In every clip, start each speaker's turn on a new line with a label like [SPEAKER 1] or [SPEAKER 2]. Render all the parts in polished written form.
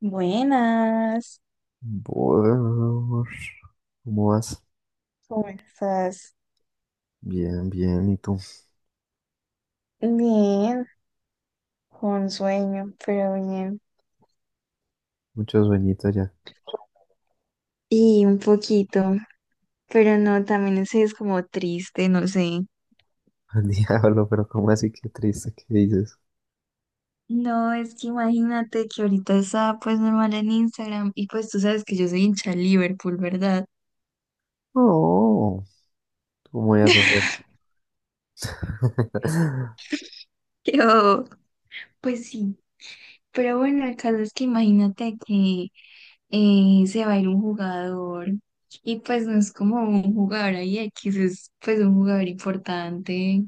[SPEAKER 1] Buenas,
[SPEAKER 2] Buenas, ¿cómo vas?
[SPEAKER 1] ¿cómo estás?
[SPEAKER 2] Bien, bien, ¿y tú?
[SPEAKER 1] Bien, con sueño, pero bien.
[SPEAKER 2] Mucho sueñito ya.
[SPEAKER 1] Y un poquito, pero no, también ese es como triste, no sé.
[SPEAKER 2] Al diablo, pero ¿cómo así? Qué triste, ¿qué dices?
[SPEAKER 1] No, es que imagínate que ahorita estaba pues normal en Instagram y pues tú sabes que yo soy hincha de Liverpool, ¿verdad?
[SPEAKER 2] No, ¿cómo ya sabes?
[SPEAKER 1] Yo, pues sí, pero bueno, el caso es que imagínate que se va a ir un jugador y pues no es como un jugador ahí X, es pues un jugador importante.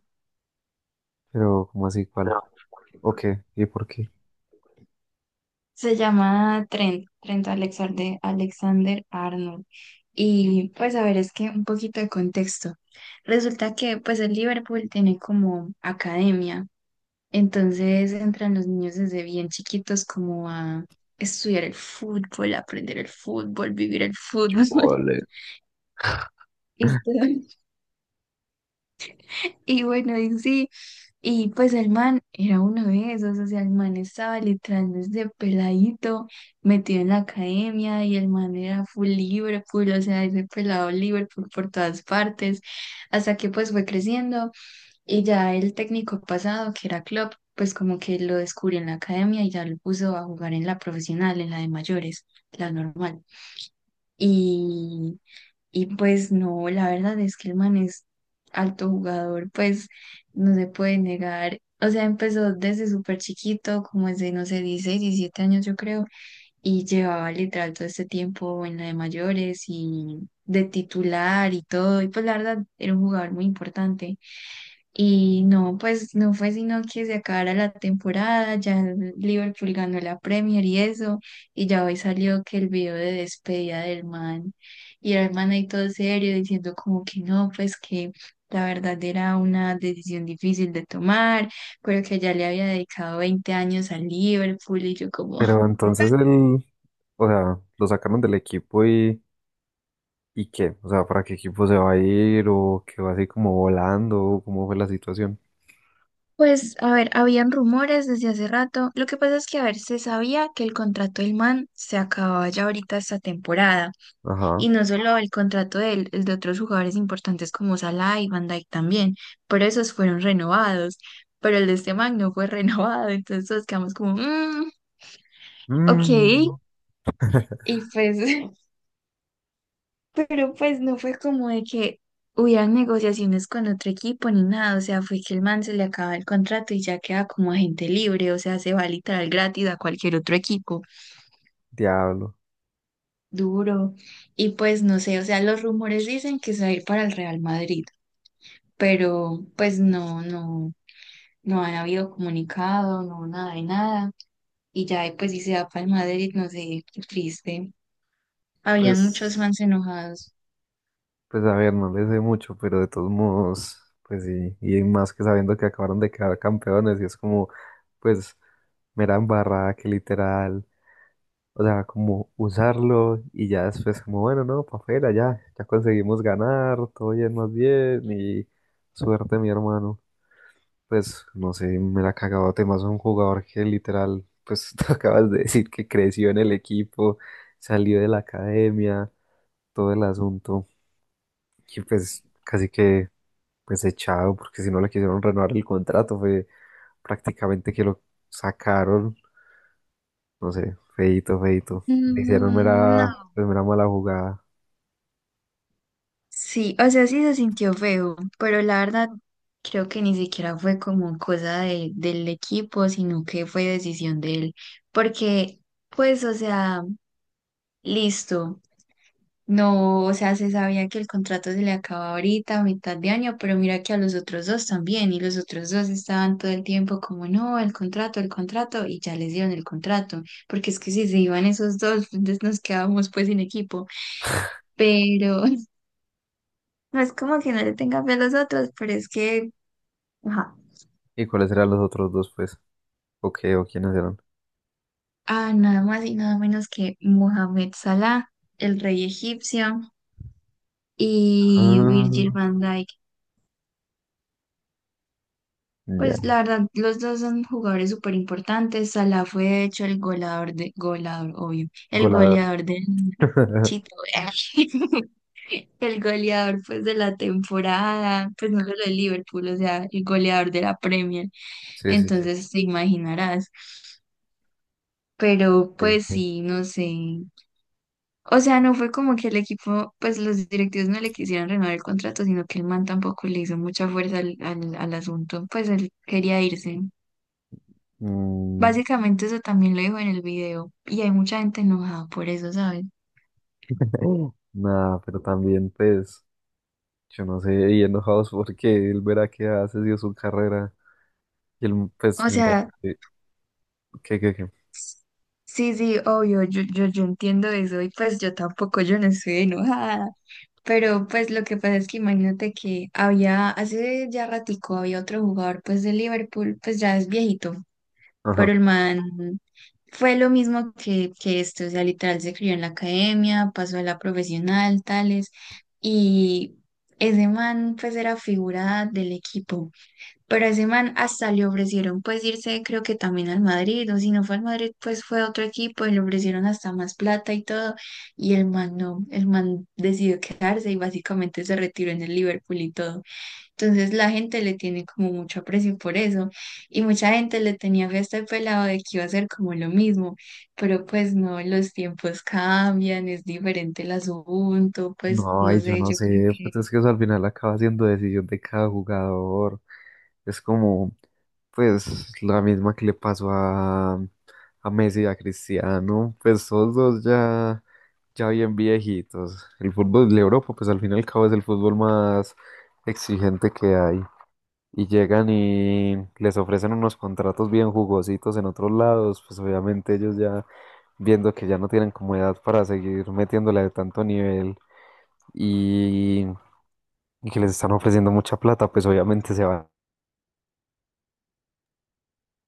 [SPEAKER 2] Pero, ¿cómo así cuál? ¿O qué? ¿Y por qué?
[SPEAKER 1] Se llama Trent, Trent Alexander, Alexander Arnold. Y pues a ver, es que un poquito de contexto. Resulta que pues el Liverpool tiene como academia, entonces entran los niños desde bien chiquitos como a estudiar el fútbol, aprender el fútbol, vivir el
[SPEAKER 2] Qué
[SPEAKER 1] fútbol
[SPEAKER 2] vale.
[SPEAKER 1] y todo. Y bueno, y sí, y pues el man era uno de esos, o sea, el man estaba literal desde peladito, metido en la academia y el man era full Liverpool, o sea, ese pelado Liverpool por todas partes, hasta que pues fue creciendo y ya el técnico pasado, que era Klopp, pues como que lo descubrió en la academia y ya lo puso a jugar en la profesional, en la de mayores, la normal. Y pues no, la verdad es que el man es alto jugador, pues no se puede negar. O sea, empezó desde súper chiquito, como desde, no sé, 16 17 años yo creo, y llevaba literal todo este tiempo en la de mayores y de titular y todo. Y pues la verdad era un jugador muy importante. Y no, pues no fue sino que se acabara la temporada, ya el Liverpool ganó la Premier y eso, y ya hoy salió que el video de despedida del man, y era el man ahí todo serio diciendo como que no, pues que la verdad era una decisión difícil de tomar, pero que ya le había dedicado 20 años al Liverpool y yo como...
[SPEAKER 2] Pero entonces o sea, lo sacaron del equipo ¿y qué? O sea, ¿para qué equipo se va a ir? ¿O qué va así como volando? ¿O cómo fue la situación?
[SPEAKER 1] Pues, a ver, habían rumores desde hace rato. Lo que pasa es que, a ver, se sabía que el contrato del man se acababa ya ahorita esta temporada.
[SPEAKER 2] Ajá.
[SPEAKER 1] Y no solo el contrato de él, el de otros jugadores importantes como Salah y Van Dijk también, pero esos fueron renovados, pero el de este man no fue renovado, entonces todos quedamos como, "Mm, ok,
[SPEAKER 2] Mm,
[SPEAKER 1] y pues", pero pues no fue como de que hubieran negociaciones con otro equipo ni nada, o sea, fue que el man se le acaba el contrato y ya queda como agente libre, o sea, se va literal gratis a cualquier otro equipo,
[SPEAKER 2] diablo.
[SPEAKER 1] duro, y pues no sé, o sea, los rumores dicen que se va a ir para el Real Madrid. Pero pues no, no, no han habido comunicado, no nada de nada. Y ya pues si se da para el Madrid, no sé, qué triste. Habían muchos
[SPEAKER 2] Pues.
[SPEAKER 1] fans enojados.
[SPEAKER 2] Pues a ver, no les sé mucho, pero de todos modos, pues sí, y más que sabiendo que acabaron de quedar campeones, y es como, pues, mera embarrada que literal, o sea, como usarlo y ya después como, bueno, no, pa' afuera, ya, ya conseguimos ganar, todo bien, más bien, y suerte, mi hermano. Pues no sé, me la cagado temas un jugador que literal, pues, tú acabas de decir que creció en el equipo, salió de la academia, todo el asunto, y pues casi que pues echado, porque si no le quisieron renovar el contrato, fue prácticamente que lo sacaron, no sé, feito feito. Le hicieron mera,
[SPEAKER 1] Mm, no,
[SPEAKER 2] pues, mera mala jugada.
[SPEAKER 1] sí, o sea, sí se sintió feo, pero la verdad creo que ni siquiera fue como cosa del equipo, sino que fue decisión de él, porque pues, o sea, listo. No, o sea, se sabía que el contrato se le acaba ahorita, a mitad de año, pero mira que a los otros dos también, y los otros dos estaban todo el tiempo como, no, el contrato, y ya les dieron el contrato, porque es que si se iban esos dos, entonces nos quedábamos pues sin equipo, pero no es como que no le tenga fe a los otros, pero es que, ajá,
[SPEAKER 2] ¿Y cuáles eran los otros dos, pues? ¿O qué? ¿O quiénes eran?
[SPEAKER 1] ah, nada más y nada menos que Mohamed Salah, el rey egipcio, y
[SPEAKER 2] Ah,
[SPEAKER 1] Virgil van Dijk. Pues
[SPEAKER 2] ya,
[SPEAKER 1] la verdad, los dos son jugadores súper importantes. Salah fue de hecho el goleador de, goleador, obvio, el
[SPEAKER 2] goleador.
[SPEAKER 1] goleador del Chito, el goleador pues de la temporada, pues no solo de Liverpool, o sea, el goleador de la Premier.
[SPEAKER 2] Sí, sí, sí.
[SPEAKER 1] Entonces te imaginarás. Pero
[SPEAKER 2] Él
[SPEAKER 1] pues
[SPEAKER 2] sí.
[SPEAKER 1] sí, no sé. O sea, no fue como que el equipo, pues los directivos no le quisieron renovar el contrato, sino que el man tampoco le hizo mucha fuerza al asunto, pues él quería irse.
[SPEAKER 2] Mm,
[SPEAKER 1] Básicamente eso también lo dijo en el video y hay mucha gente enojada por eso, ¿sabes?
[SPEAKER 2] nada, pero también, pues, yo no sé, y enojados porque él verá que hace dio su carrera. Y él, pues,
[SPEAKER 1] O
[SPEAKER 2] me
[SPEAKER 1] sea,
[SPEAKER 2] imagino que, que, que-
[SPEAKER 1] sí, sí, obvio, yo entiendo eso y pues yo tampoco, yo no estoy enojada, pero pues lo que pasa es que imagínate que había, hace ya ratico había otro jugador pues de Liverpool, pues ya es viejito,
[SPEAKER 2] ajá.
[SPEAKER 1] pero el man fue lo mismo que este, o sea, literal se crió en la academia, pasó a la profesional, tales, y ese man pues era figura del equipo. Pero a ese man hasta le ofrecieron pues irse creo que también al Madrid, o si no fue al Madrid pues fue a otro equipo y le ofrecieron hasta más plata y todo, y el man no, el man decidió quedarse y básicamente se retiró en el Liverpool y todo. Entonces la gente le tiene como mucho aprecio por eso, y mucha gente le tenía fe a este pelado de que iba a ser como lo mismo, pero pues no, los tiempos cambian, es diferente el asunto, pues
[SPEAKER 2] No,
[SPEAKER 1] no
[SPEAKER 2] ay, yo
[SPEAKER 1] sé,
[SPEAKER 2] no
[SPEAKER 1] yo creo.
[SPEAKER 2] sé, pues es que eso al final acaba siendo decisión de cada jugador. Es como, pues, la misma que le pasó a Messi y a Cristiano, pues esos dos ya, ya bien viejitos. El fútbol de Europa, pues al fin y al cabo es el fútbol más exigente que hay. Y llegan y les ofrecen unos contratos bien jugositos en otros lados, pues obviamente ellos ya viendo que ya no tienen como edad para seguir metiéndole de tanto nivel. Y y que les están ofreciendo mucha plata, pues obviamente se va.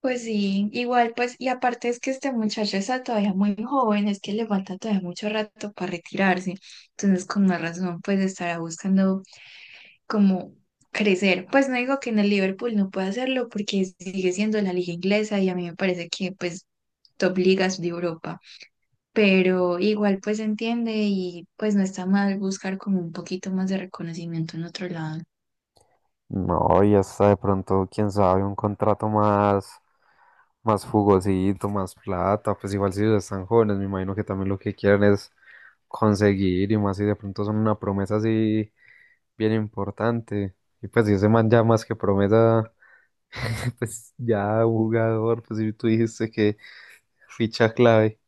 [SPEAKER 1] Pues sí, igual pues, y aparte es que este muchacho está todavía muy joven, es que le falta todavía mucho rato para retirarse, entonces con más razón pues estará buscando como crecer. Pues no digo que en el Liverpool no pueda hacerlo porque sigue siendo la liga inglesa y a mí me parece que pues top ligas de Europa, pero igual pues entiende y pues no está mal buscar como un poquito más de reconocimiento en otro lado.
[SPEAKER 2] No, y hasta de pronto, quién sabe, un contrato más, más jugosito, más plata, pues igual si ellos están jóvenes, me imagino que también lo que quieren es conseguir, y más si de pronto son una promesa así bien importante. Y pues si ese man ya más que promesa, pues ya jugador, pues si tú dijiste que ficha clave.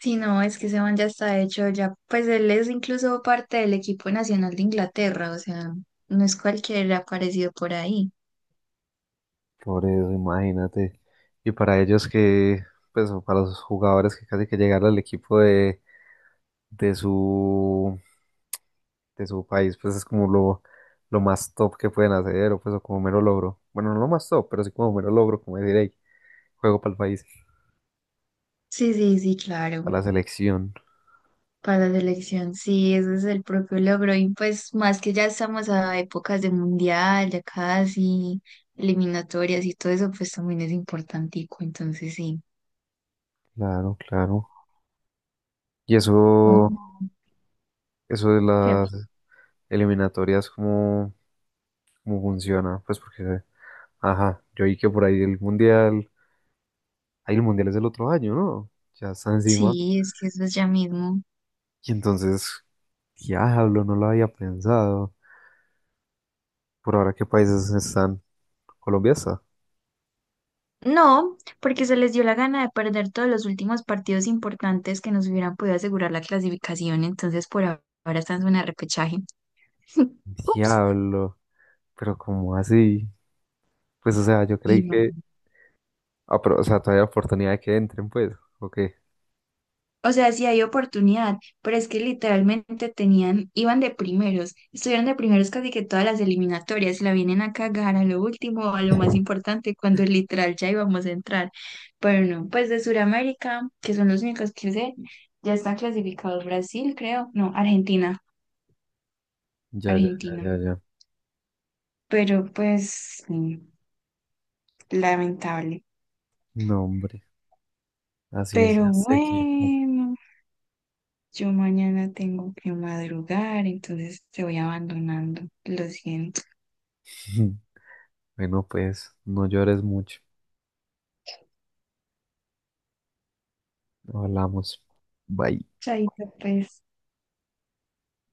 [SPEAKER 1] Sí, no, es que ese man ya está hecho, ya, pues él es incluso parte del equipo nacional de Inglaterra, o sea, no es cualquier aparecido por ahí.
[SPEAKER 2] Por eso, imagínate. Y para ellos que, pues o para los jugadores que casi que llegaron al equipo de su, de su país, pues es como lo más top que pueden hacer, o pues o como mero logro. Bueno, no lo más top, pero sí como mero logro, como decir, hey, juego para el país,
[SPEAKER 1] Sí, sí, sí, claro,
[SPEAKER 2] para la selección.
[SPEAKER 1] para la selección, sí, ese es el propio logro, y pues más que ya estamos a épocas de mundial, ya casi, eliminatorias y todo eso, pues también es importantico, entonces sí.
[SPEAKER 2] Claro, claro. Y
[SPEAKER 1] Oh,
[SPEAKER 2] eso de
[SPEAKER 1] qué...
[SPEAKER 2] las eliminatorias, ¿cómo, cómo funciona? Pues porque, ajá, yo vi que por ahí el mundial es el otro año, ¿no? Ya está encima.
[SPEAKER 1] Sí, es que eso es ya mismo.
[SPEAKER 2] Y entonces, diablo, no lo había pensado. Por ahora, ¿qué países están? Colombia está.
[SPEAKER 1] No, porque se les dio la gana de perder todos los últimos partidos importantes que nos hubieran podido asegurar la clasificación, entonces por ahora están en zona de repechaje. Ups.
[SPEAKER 2] Diablo, pero ¿cómo así? Pues, o sea, yo creí que,
[SPEAKER 1] Imagínate.
[SPEAKER 2] ah, pero, o sea, todavía hay oportunidad de que entren, pues, ¿o qué?
[SPEAKER 1] O sea, sí hay oportunidad, pero es que literalmente tenían, iban de primeros, estuvieron de primeros casi que todas las eliminatorias, y la vienen a cagar a lo último, a lo más importante, cuando literal ya íbamos a entrar. Pero no, pues de Sudamérica, que son los únicos que sé, ya están clasificados Brasil, creo, no, Argentina,
[SPEAKER 2] Ya, ya, ya,
[SPEAKER 1] Argentina.
[SPEAKER 2] ya, ya.
[SPEAKER 1] Pero pues sí, lamentable.
[SPEAKER 2] No, hombre, así es
[SPEAKER 1] Pero
[SPEAKER 2] este equipo.
[SPEAKER 1] bueno, yo mañana tengo que madrugar, entonces te voy abandonando. Lo siento.
[SPEAKER 2] Bueno, pues, no llores mucho. Hablamos. Bye.
[SPEAKER 1] Chaito, pues.